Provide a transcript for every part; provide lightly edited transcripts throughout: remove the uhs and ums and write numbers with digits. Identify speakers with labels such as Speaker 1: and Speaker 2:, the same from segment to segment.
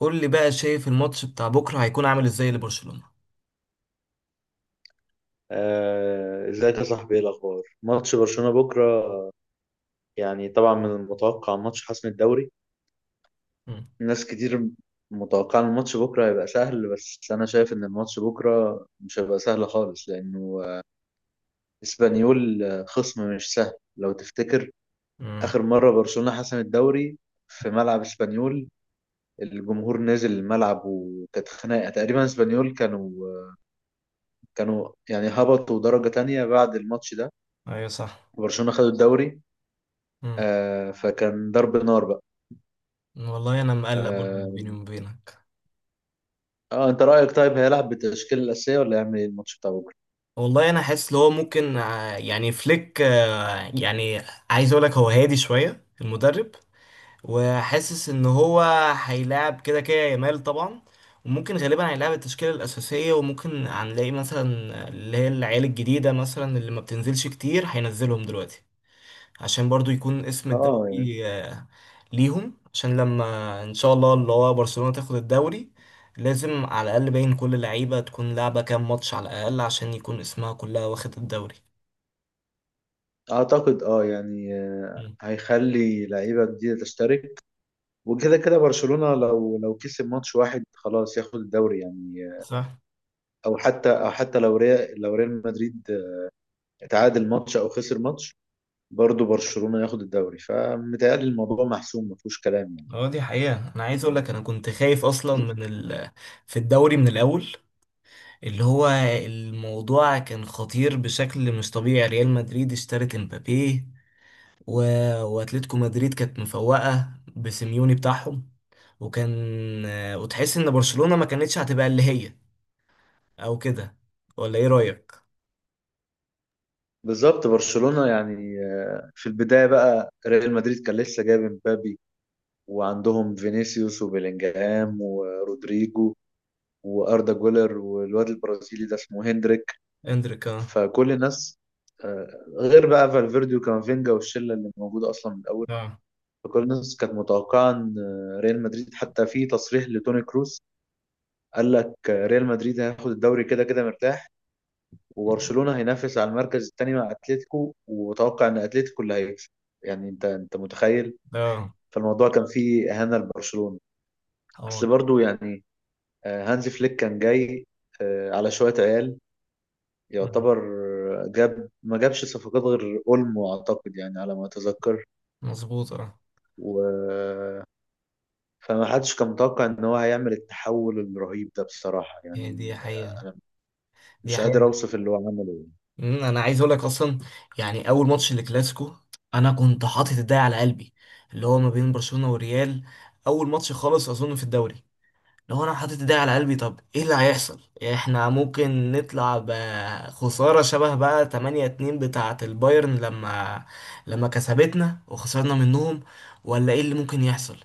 Speaker 1: قول لي بقى، شايف الماتش بتاع بكرة هيكون عامل ازاي لبرشلونة؟
Speaker 2: ازيك يا صاحبي؟ ايه الاخبار؟ ماتش برشلونة بكره يعني طبعا من المتوقع ماتش حسم الدوري.
Speaker 1: مم.
Speaker 2: ناس كتير متوقعه ان الماتش بكره هيبقى سهل، بس انا شايف ان الماتش بكره مش هيبقى سهل خالص لانه اسبانيول خصم مش سهل. لو تفتكر
Speaker 1: مم.
Speaker 2: اخر مره برشلونة حسم الدوري في ملعب اسبانيول، الجمهور نزل الملعب وكانت خناقه، تقريبا اسبانيول كانوا يعني هبطوا درجه تانية بعد الماتش ده،
Speaker 1: ايوه، صح.
Speaker 2: برشلونة خدوا الدوري.
Speaker 1: مم.
Speaker 2: آه فكان ضرب نار بقى.
Speaker 1: والله انا مقلق برضه
Speaker 2: آه,
Speaker 1: بيني وبينك.
Speaker 2: اه انت رأيك؟ طيب هيلعب بالتشكيلة الأساسية ولا هيعمل ايه الماتش بتاع بكرة؟
Speaker 1: والله انا حاسس اللي هو ممكن يعني فليك، يعني عايز اقول لك، هو هادي شوية المدرب وحاسس ان هو هيلاعب كده كده يامال طبعا. وممكن غالبا هيلاعب التشكيلة الأساسية، وممكن هنلاقي مثلا اللي هي العيال الجديدة، مثلا اللي ما بتنزلش كتير هينزلهم دلوقتي، عشان برضو يكون اسم الدوري
Speaker 2: اه يعني
Speaker 1: ليهم، عشان لما ان شاء الله اللي هو برشلونة تاخد الدوري لازم على الاقل باين كل لعيبة تكون لعبة كام ماتش على الاقل عشان يكون اسمها كلها واخد الدوري.
Speaker 2: اعتقد اه يعني
Speaker 1: مم.
Speaker 2: هيخلي لعيبة جديدة تشترك. وكده كده برشلونة لو كسب ماتش واحد خلاص ياخد الدوري يعني.
Speaker 1: صح.
Speaker 2: او حتى او حتى لو ريال، لو ريال مدريد تعادل ماتش او خسر ماتش، برضه برشلونة ياخد الدوري، فمتهيألي الموضوع محسوم ما فيهوش كلام
Speaker 1: اه دي حقيقة، انا عايز اقول
Speaker 2: يعني.
Speaker 1: لك انا كنت خايف اصلا من ال... في الدوري من الاول، اللي هو الموضوع كان خطير بشكل مش طبيعي. ريال مدريد اشترت امبابي و... واتلتيكو مدريد كانت مفوقة بسيميوني بتاعهم، وكان وتحس ان برشلونة ما كانتش هتبقى اللي هي، او كده. ولا ايه رأيك؟
Speaker 2: بالظبط، برشلونة يعني، في البداية بقى ريال مدريد كان لسه جايب مبابي، وعندهم فينيسيوس وبيلينجهام ورودريجو واردا جولر والواد البرازيلي ده اسمه هندريك.
Speaker 1: اندريك، اه.
Speaker 2: فكل الناس، غير بقى فالفيردي وكامافينجا والشله اللي موجوده اصلا من الاول،
Speaker 1: اه.
Speaker 2: فكل الناس كانت متوقعه ان، ريال مدريد، حتى في تصريح لتوني كروس قال لك، ريال مدريد هياخد الدوري كده كده مرتاح، وبرشلونه هينافس على المركز الثاني مع اتلتيكو، وتوقع ان اتلتيكو اللي هيكسب. يعني انت متخيل؟
Speaker 1: اه،
Speaker 2: فالموضوع كان فيه اهانه لبرشلونه.
Speaker 1: هو
Speaker 2: بس
Speaker 1: ده.
Speaker 2: برضو يعني، هانز فليك كان جاي، على شوية عيال
Speaker 1: مم.
Speaker 2: يعتبر، آه، جاب ما جابش صفقات غير اولمو اعتقد يعني على ما اتذكر.
Speaker 1: مظبوط، اه.
Speaker 2: و فما حدش كان متوقع ان هو هيعمل التحول الرهيب ده بصراحة
Speaker 1: هي دي
Speaker 2: يعني،
Speaker 1: حقيقة.
Speaker 2: انا
Speaker 1: دي
Speaker 2: مش قادر
Speaker 1: حقيقة.
Speaker 2: اوصف اللي هو عمله يعني.
Speaker 1: مم، انا عايز اقول لك اصلا، يعني اول ماتش للكلاسيكو انا كنت حاطط ايدي على قلبي، اللي هو ما بين برشلونة والريال. اول ماتش خالص اظن في الدوري، لو انا حاطط ايدي على قلبي طب ايه اللي هيحصل، احنا ممكن نطلع بخسارة شبه بقى 8-2 بتاعة البايرن لما كسبتنا وخسرنا منهم، ولا ايه اللي ممكن يحصل.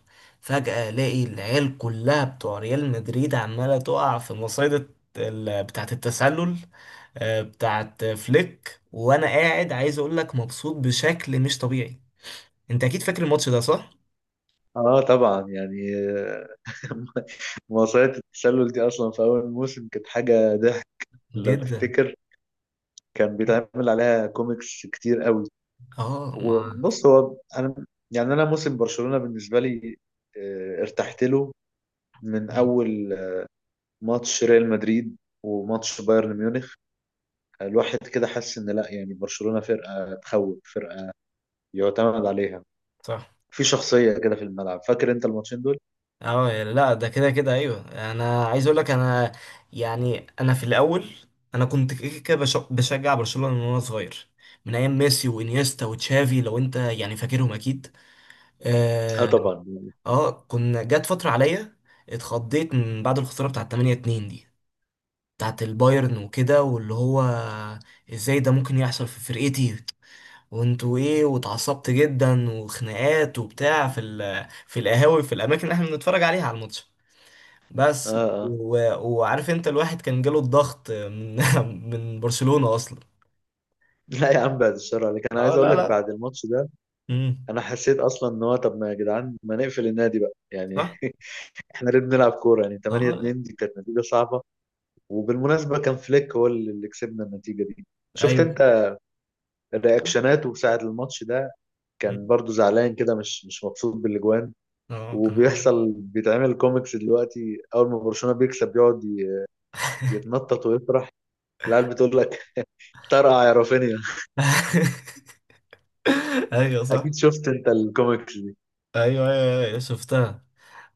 Speaker 1: فجأة الاقي العيال كلها بتوع ريال مدريد عمالة تقع في مصيدة بتاعة التسلل، بتاعة فليك، وانا قاعد عايز اقول لك مبسوط بشكل مش طبيعي. انت اكيد فاكر الماتش ده، صح؟
Speaker 2: اه طبعا يعني مواصلات التسلل دي اصلا في اول موسم كانت حاجة ضحك لو
Speaker 1: جدا.
Speaker 2: تفتكر، كان بيتعمل عليها كوميكس كتير قوي.
Speaker 1: اه، مع.
Speaker 2: بص، هو انا يعني انا موسم برشلونة بالنسبة لي، ارتحت له من اول ماتش ريال مدريد وماتش بايرن ميونخ. الواحد كده حس ان لا، يعني برشلونة فرقة تخوف، فرقة يعتمد عليها،
Speaker 1: صح.
Speaker 2: في شخصية كده في الملعب. فاكر انت الماتشين دول؟
Speaker 1: اه لا، ده كده كده ايوه. انا عايز اقول لك انا، يعني في الاول انا كنت كده كده بشجع برشلونة من وانا صغير، من ايام ميسي وانيستا وتشافي، لو انت يعني فاكرهم اكيد.
Speaker 2: اه
Speaker 1: اه.
Speaker 2: طبعا.
Speaker 1: كنا جت فترة عليا، اتخضيت من بعد الخسارة بتاعت 8-2 دي، بتاعت البايرن وكده، واللي هو ازاي ده ممكن يحصل في فرقتي وانتوا ايه، واتعصبت جدا وخناقات وبتاع في في القهاوي، في الاماكن اللي احنا بنتفرج عليها على الماتش.
Speaker 2: اه
Speaker 1: بس
Speaker 2: اه
Speaker 1: و... وعارف انت، الواحد كان جاله الضغط من من برشلونة اصلا.
Speaker 2: لا يا عم بعد الشر عليك، انا
Speaker 1: اه
Speaker 2: عايز اقول
Speaker 1: لا
Speaker 2: لك
Speaker 1: لا.
Speaker 2: بعد الماتش ده
Speaker 1: امم.
Speaker 2: انا حسيت اصلا ان هو طب ما يا جدعان ما نقفل النادي بقى يعني.
Speaker 1: صح.
Speaker 2: احنا ليه بنلعب كورة يعني؟ 8
Speaker 1: اه لا.
Speaker 2: 2 دي كانت نتيجة صعبة. وبالمناسبة كان فليك هو اللي كسبنا النتيجة دي. شفت
Speaker 1: ايوه.
Speaker 2: انت رياكشناته ساعة الماتش ده؟ كان
Speaker 1: مم.
Speaker 2: برضو زعلان كده مش مبسوط بالاجوان.
Speaker 1: اه كان حلو.
Speaker 2: وبيحصل بيتعمل كوميكس دلوقتي، اول ما برشلونة بيكسب بيقعد يتنطط ويفرح. العيال بتقول لك طرقع يا رافينيا.
Speaker 1: ايوه صح.
Speaker 2: اكيد شفت انت الكوميكس دي.
Speaker 1: ايوه ايوه أيوة، شفتها.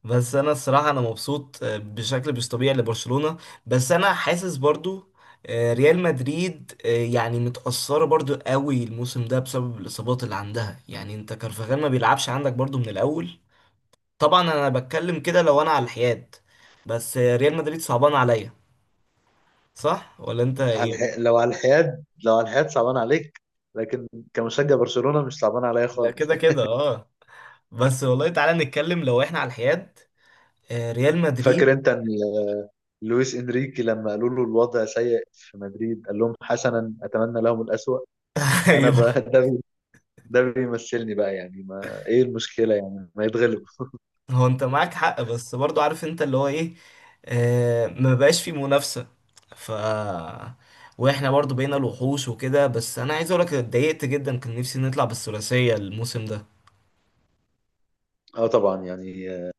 Speaker 1: بس انا الصراحه انا مبسوط بشكل مش طبيعي لبرشلونه، بس انا حاسس برضو ريال مدريد، يعني متأثرة برضو قوي الموسم ده بسبب الإصابات اللي عندها. يعني انت كارفاخال ما بيلعبش عندك برضو من الأول. طبعا انا بتكلم كده لو انا على الحياد، بس ريال مدريد صعبان عليا. صح ولا انت ايه؟
Speaker 2: لو على الحياد، لو على الحياد صعبان عليك، لكن كمشجع برشلونة مش صعبان عليا
Speaker 1: لا،
Speaker 2: خالص
Speaker 1: كده
Speaker 2: يعني.
Speaker 1: كده اه. بس والله تعالى نتكلم لو احنا على الحياد، ريال مدريد.
Speaker 2: فاكر انت ان لويس انريكي لما قالوا له الوضع سيء في مدريد قال لهم حسنا اتمنى لهم الأسوأ؟ انا
Speaker 1: ايوه.
Speaker 2: بقى ده بيمثلني بقى يعني. ما ايه المشكله يعني؟ ما يتغلب.
Speaker 1: هو انت معاك حق، بس برضو عارف انت اللي هو ايه، آه ما بقاش في منافسة، ف واحنا برضو بقينا الوحوش وكده. بس انا عايز اقولك، اتضايقت جدا، كان نفسي نطلع بالثلاثية الموسم ده.
Speaker 2: اه طبعا يعني،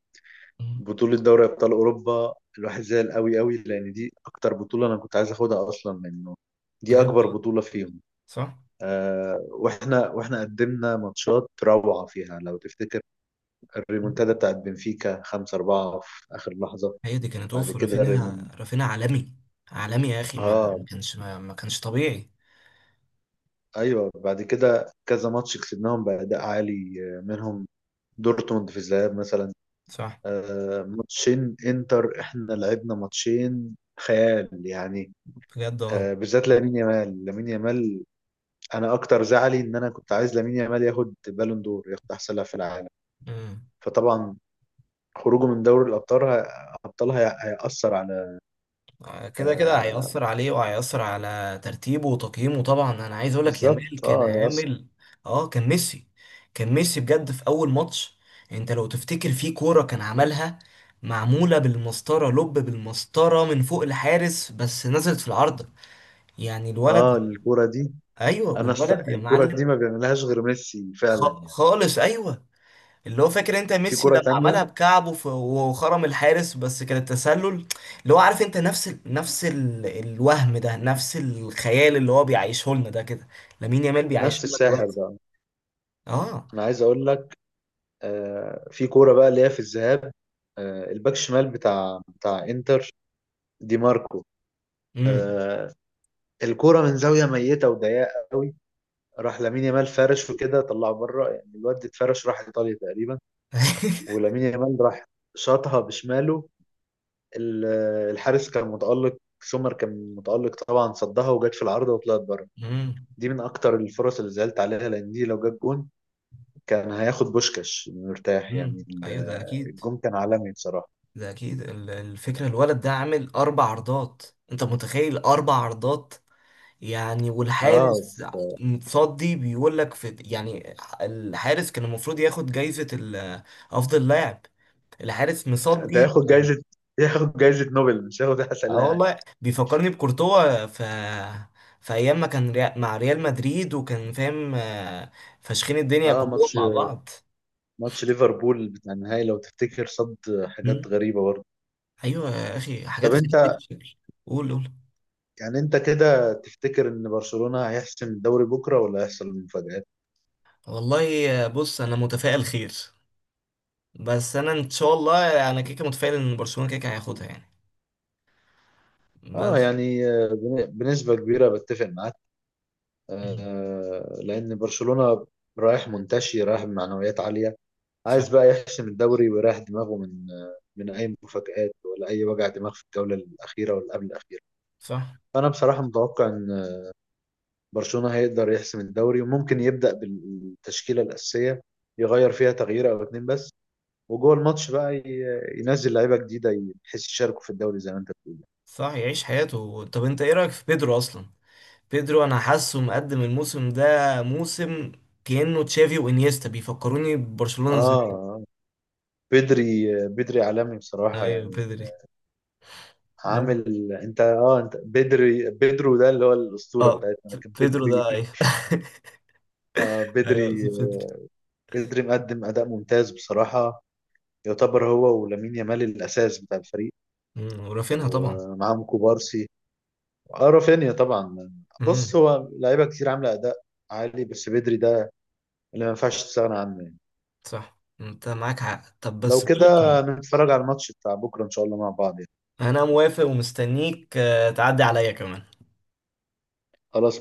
Speaker 1: مم.
Speaker 2: بطوله دوري ابطال اوروبا الواحد زعل قوي قوي لان دي اكتر بطوله انا كنت عايز اخدها اصلا، لانه دي
Speaker 1: بجد،
Speaker 2: اكبر
Speaker 1: اه.
Speaker 2: بطوله فيهم.
Speaker 1: صح.
Speaker 2: آه واحنا قدمنا ماتشات روعه فيها. لو تفتكر الريمونتادا بتاعت بنفيكا 5-4 في اخر لحظه.
Speaker 1: هي دي كانت
Speaker 2: بعد
Speaker 1: اوف،
Speaker 2: كده
Speaker 1: رافينيا،
Speaker 2: الريمون
Speaker 1: رافينيا عالمي. عالمي يا اخي، ما
Speaker 2: اه
Speaker 1: كانش ما كانش طبيعي.
Speaker 2: ايوه، بعد كده كذا ماتش كسبناهم باداء عالي، آه، منهم دورتموند في الذهاب مثلا،
Speaker 1: صح.
Speaker 2: آه، ماتشين انتر احنا لعبنا ماتشين خيال يعني،
Speaker 1: بجد اه.
Speaker 2: آه، بالذات لامين يامال. انا اكتر زعلي ان انا كنت عايز لامين يامال ياخد بالون دور، ياخد احسن لاعب في العالم.
Speaker 1: أمم.
Speaker 2: فطبعا خروجه من دوري الابطال هيأثر على،
Speaker 1: كده كده
Speaker 2: آه،
Speaker 1: هيأثر عليه وهيأثر على ترتيبه وتقييمه. طبعا انا عايز اقول لك يامال
Speaker 2: بالظبط
Speaker 1: كان
Speaker 2: اه هيأثر.
Speaker 1: عامل، اه، كان ميسي. كان ميسي بجد في اول ماتش، انت لو تفتكر في كورة كان عملها، معمولة بالمسطرة، لب بالمسطرة من فوق الحارس بس نزلت في العارضة. يعني
Speaker 2: اه
Speaker 1: الولد،
Speaker 2: الكرة دي،
Speaker 1: ايوه، والولد يا
Speaker 2: الكرة
Speaker 1: معلم،
Speaker 2: دي ما بيعملهاش غير ميسي فعلا يعني.
Speaker 1: خالص ايوه. اللي هو فاكر انت
Speaker 2: في
Speaker 1: ميسي
Speaker 2: كرة
Speaker 1: لما
Speaker 2: تانية،
Speaker 1: عملها بكعبه وخرم الحارس بس كان التسلل. اللي هو عارف انت نفس الوهم ده، نفس الخيال اللي هو بيعيشه لنا ده، كده لامين يامال بيعيشه
Speaker 2: نفس
Speaker 1: لنا
Speaker 2: الساحر
Speaker 1: دلوقتي.
Speaker 2: بقى.
Speaker 1: اه.
Speaker 2: انا عايز اقول لك، آه، في كوره بقى اللي هي في الذهاب، آه، الباك شمال بتاع انتر دي ماركو،
Speaker 1: امم.
Speaker 2: آه، الكوره من زاويه ميته وضيقه قوي، راح لامين يامال فرش وكده طلعه بره، يعني الواد اتفرش راح ايطاليا تقريبا. ولامين يامال راح شاطها بشماله، ال- الحارس كان متالق، سومر كان متالق طبعا، صدها وجت في العارضه وطلعت بره.
Speaker 1: امم.
Speaker 2: دي من اكتر الفرص اللي زعلت عليها، لان دي لو جت جون كان هياخد بوشكاش مرتاح يعني.
Speaker 1: ايوه ده اكيد.
Speaker 2: الجون كان عالمي بصراحه.
Speaker 1: ده اكيد الفكره، الولد ده عامل اربع عرضات. انت متخيل اربع عرضات؟ يعني
Speaker 2: اه،
Speaker 1: والحارس متصدي بيقول لك، في يعني الحارس كان المفروض ياخد افضل لاعب. الحارس
Speaker 2: ده
Speaker 1: مصدي
Speaker 2: ياخد
Speaker 1: يعني.
Speaker 2: جايزة، ياخد جايزة نوبل، مش هياخد أحسن
Speaker 1: اه
Speaker 2: لاعب.
Speaker 1: والله بيفكرني بكورتوا، ف في ايام ما كان مع ريال مدريد، وكان فاهم، فاشخين الدنيا
Speaker 2: اه
Speaker 1: كلهم
Speaker 2: ماتش
Speaker 1: مع بعض.
Speaker 2: ماتش ليفربول بتاع النهائي لو تفتكر صد حاجات
Speaker 1: مم.
Speaker 2: غريبة برضه.
Speaker 1: ايوه يا اخي،
Speaker 2: طب
Speaker 1: حاجات غريبه
Speaker 2: انت
Speaker 1: بتتشكل. قول، قول.
Speaker 2: يعني انت كده تفتكر ان برشلونة هيحسم الدوري بكرة ولا هيحصل مفاجآت؟
Speaker 1: والله بص انا متفائل خير، بس انا ان شاء الله انا كيكه متفائل ان برشلونه كيكه هياخدها يعني.
Speaker 2: اه
Speaker 1: بس.
Speaker 2: يعني، بنسبة كبيرة بتفق معاك.
Speaker 1: مم.
Speaker 2: آه، لأن برشلونة رايح منتشي، رايح بمعنويات عالية،
Speaker 1: صح.
Speaker 2: عايز بقى يحسم الدوري ويريح دماغه من، من أي مفاجآت ولا أي وجع دماغ في الجولة الأخيرة ولا قبل الأخيرة.
Speaker 1: صح.
Speaker 2: فأنا بصراحة متوقع إن برشلونة هيقدر يحسم الدوري، وممكن يبدأ بالتشكيلة الأساسية، يغير فيها تغيير أو اتنين بس، وجوه الماتش بقى ينزل لعيبة جديدة، بحيث يشاركوا في الدوري زي ما أنت بتقول.
Speaker 1: صح، يعيش حياته. طب انت ايه رايك في بيدرو اصلا؟ بيدرو انا حاسه مقدم الموسم ده، موسم كأنه تشافي وانيستا، بيفكروني ببرشلونة
Speaker 2: آه
Speaker 1: زمان.
Speaker 2: آه. بدري عالمي بصراحة
Speaker 1: ايوه
Speaker 2: يعني.
Speaker 1: بيدري. لا.
Speaker 2: عامل أنت، آه أنت بدري، بدرو ده اللي هو الأسطورة
Speaker 1: اه
Speaker 2: بتاعتنا، لكن
Speaker 1: بيدرو
Speaker 2: بدري
Speaker 1: ده، ايوه.
Speaker 2: آه،
Speaker 1: ايوه قصدي
Speaker 2: بدري
Speaker 1: بيدري.
Speaker 2: بدري مقدم أداء ممتاز بصراحة، يعتبر هو ولامين يامال الأساس بتاع الفريق،
Speaker 1: مم، ورافينها طبعا.
Speaker 2: ومعاهم كوبارسي. اه رافينيا طبعا. بص
Speaker 1: امم.
Speaker 2: هو لعيبه كتير عامله اداء عالي، بس بدري ده اللي ما ينفعش تستغنى عنه يعني.
Speaker 1: صح، انت معاك حق. طب
Speaker 2: لو
Speaker 1: بس بقول لك
Speaker 2: كده
Speaker 1: ايه،
Speaker 2: نتفرج على الماتش بتاع بكره ان شاء الله مع بعض يعني.
Speaker 1: انا موافق ومستنيك تعدي عليا كمان.
Speaker 2: خلاص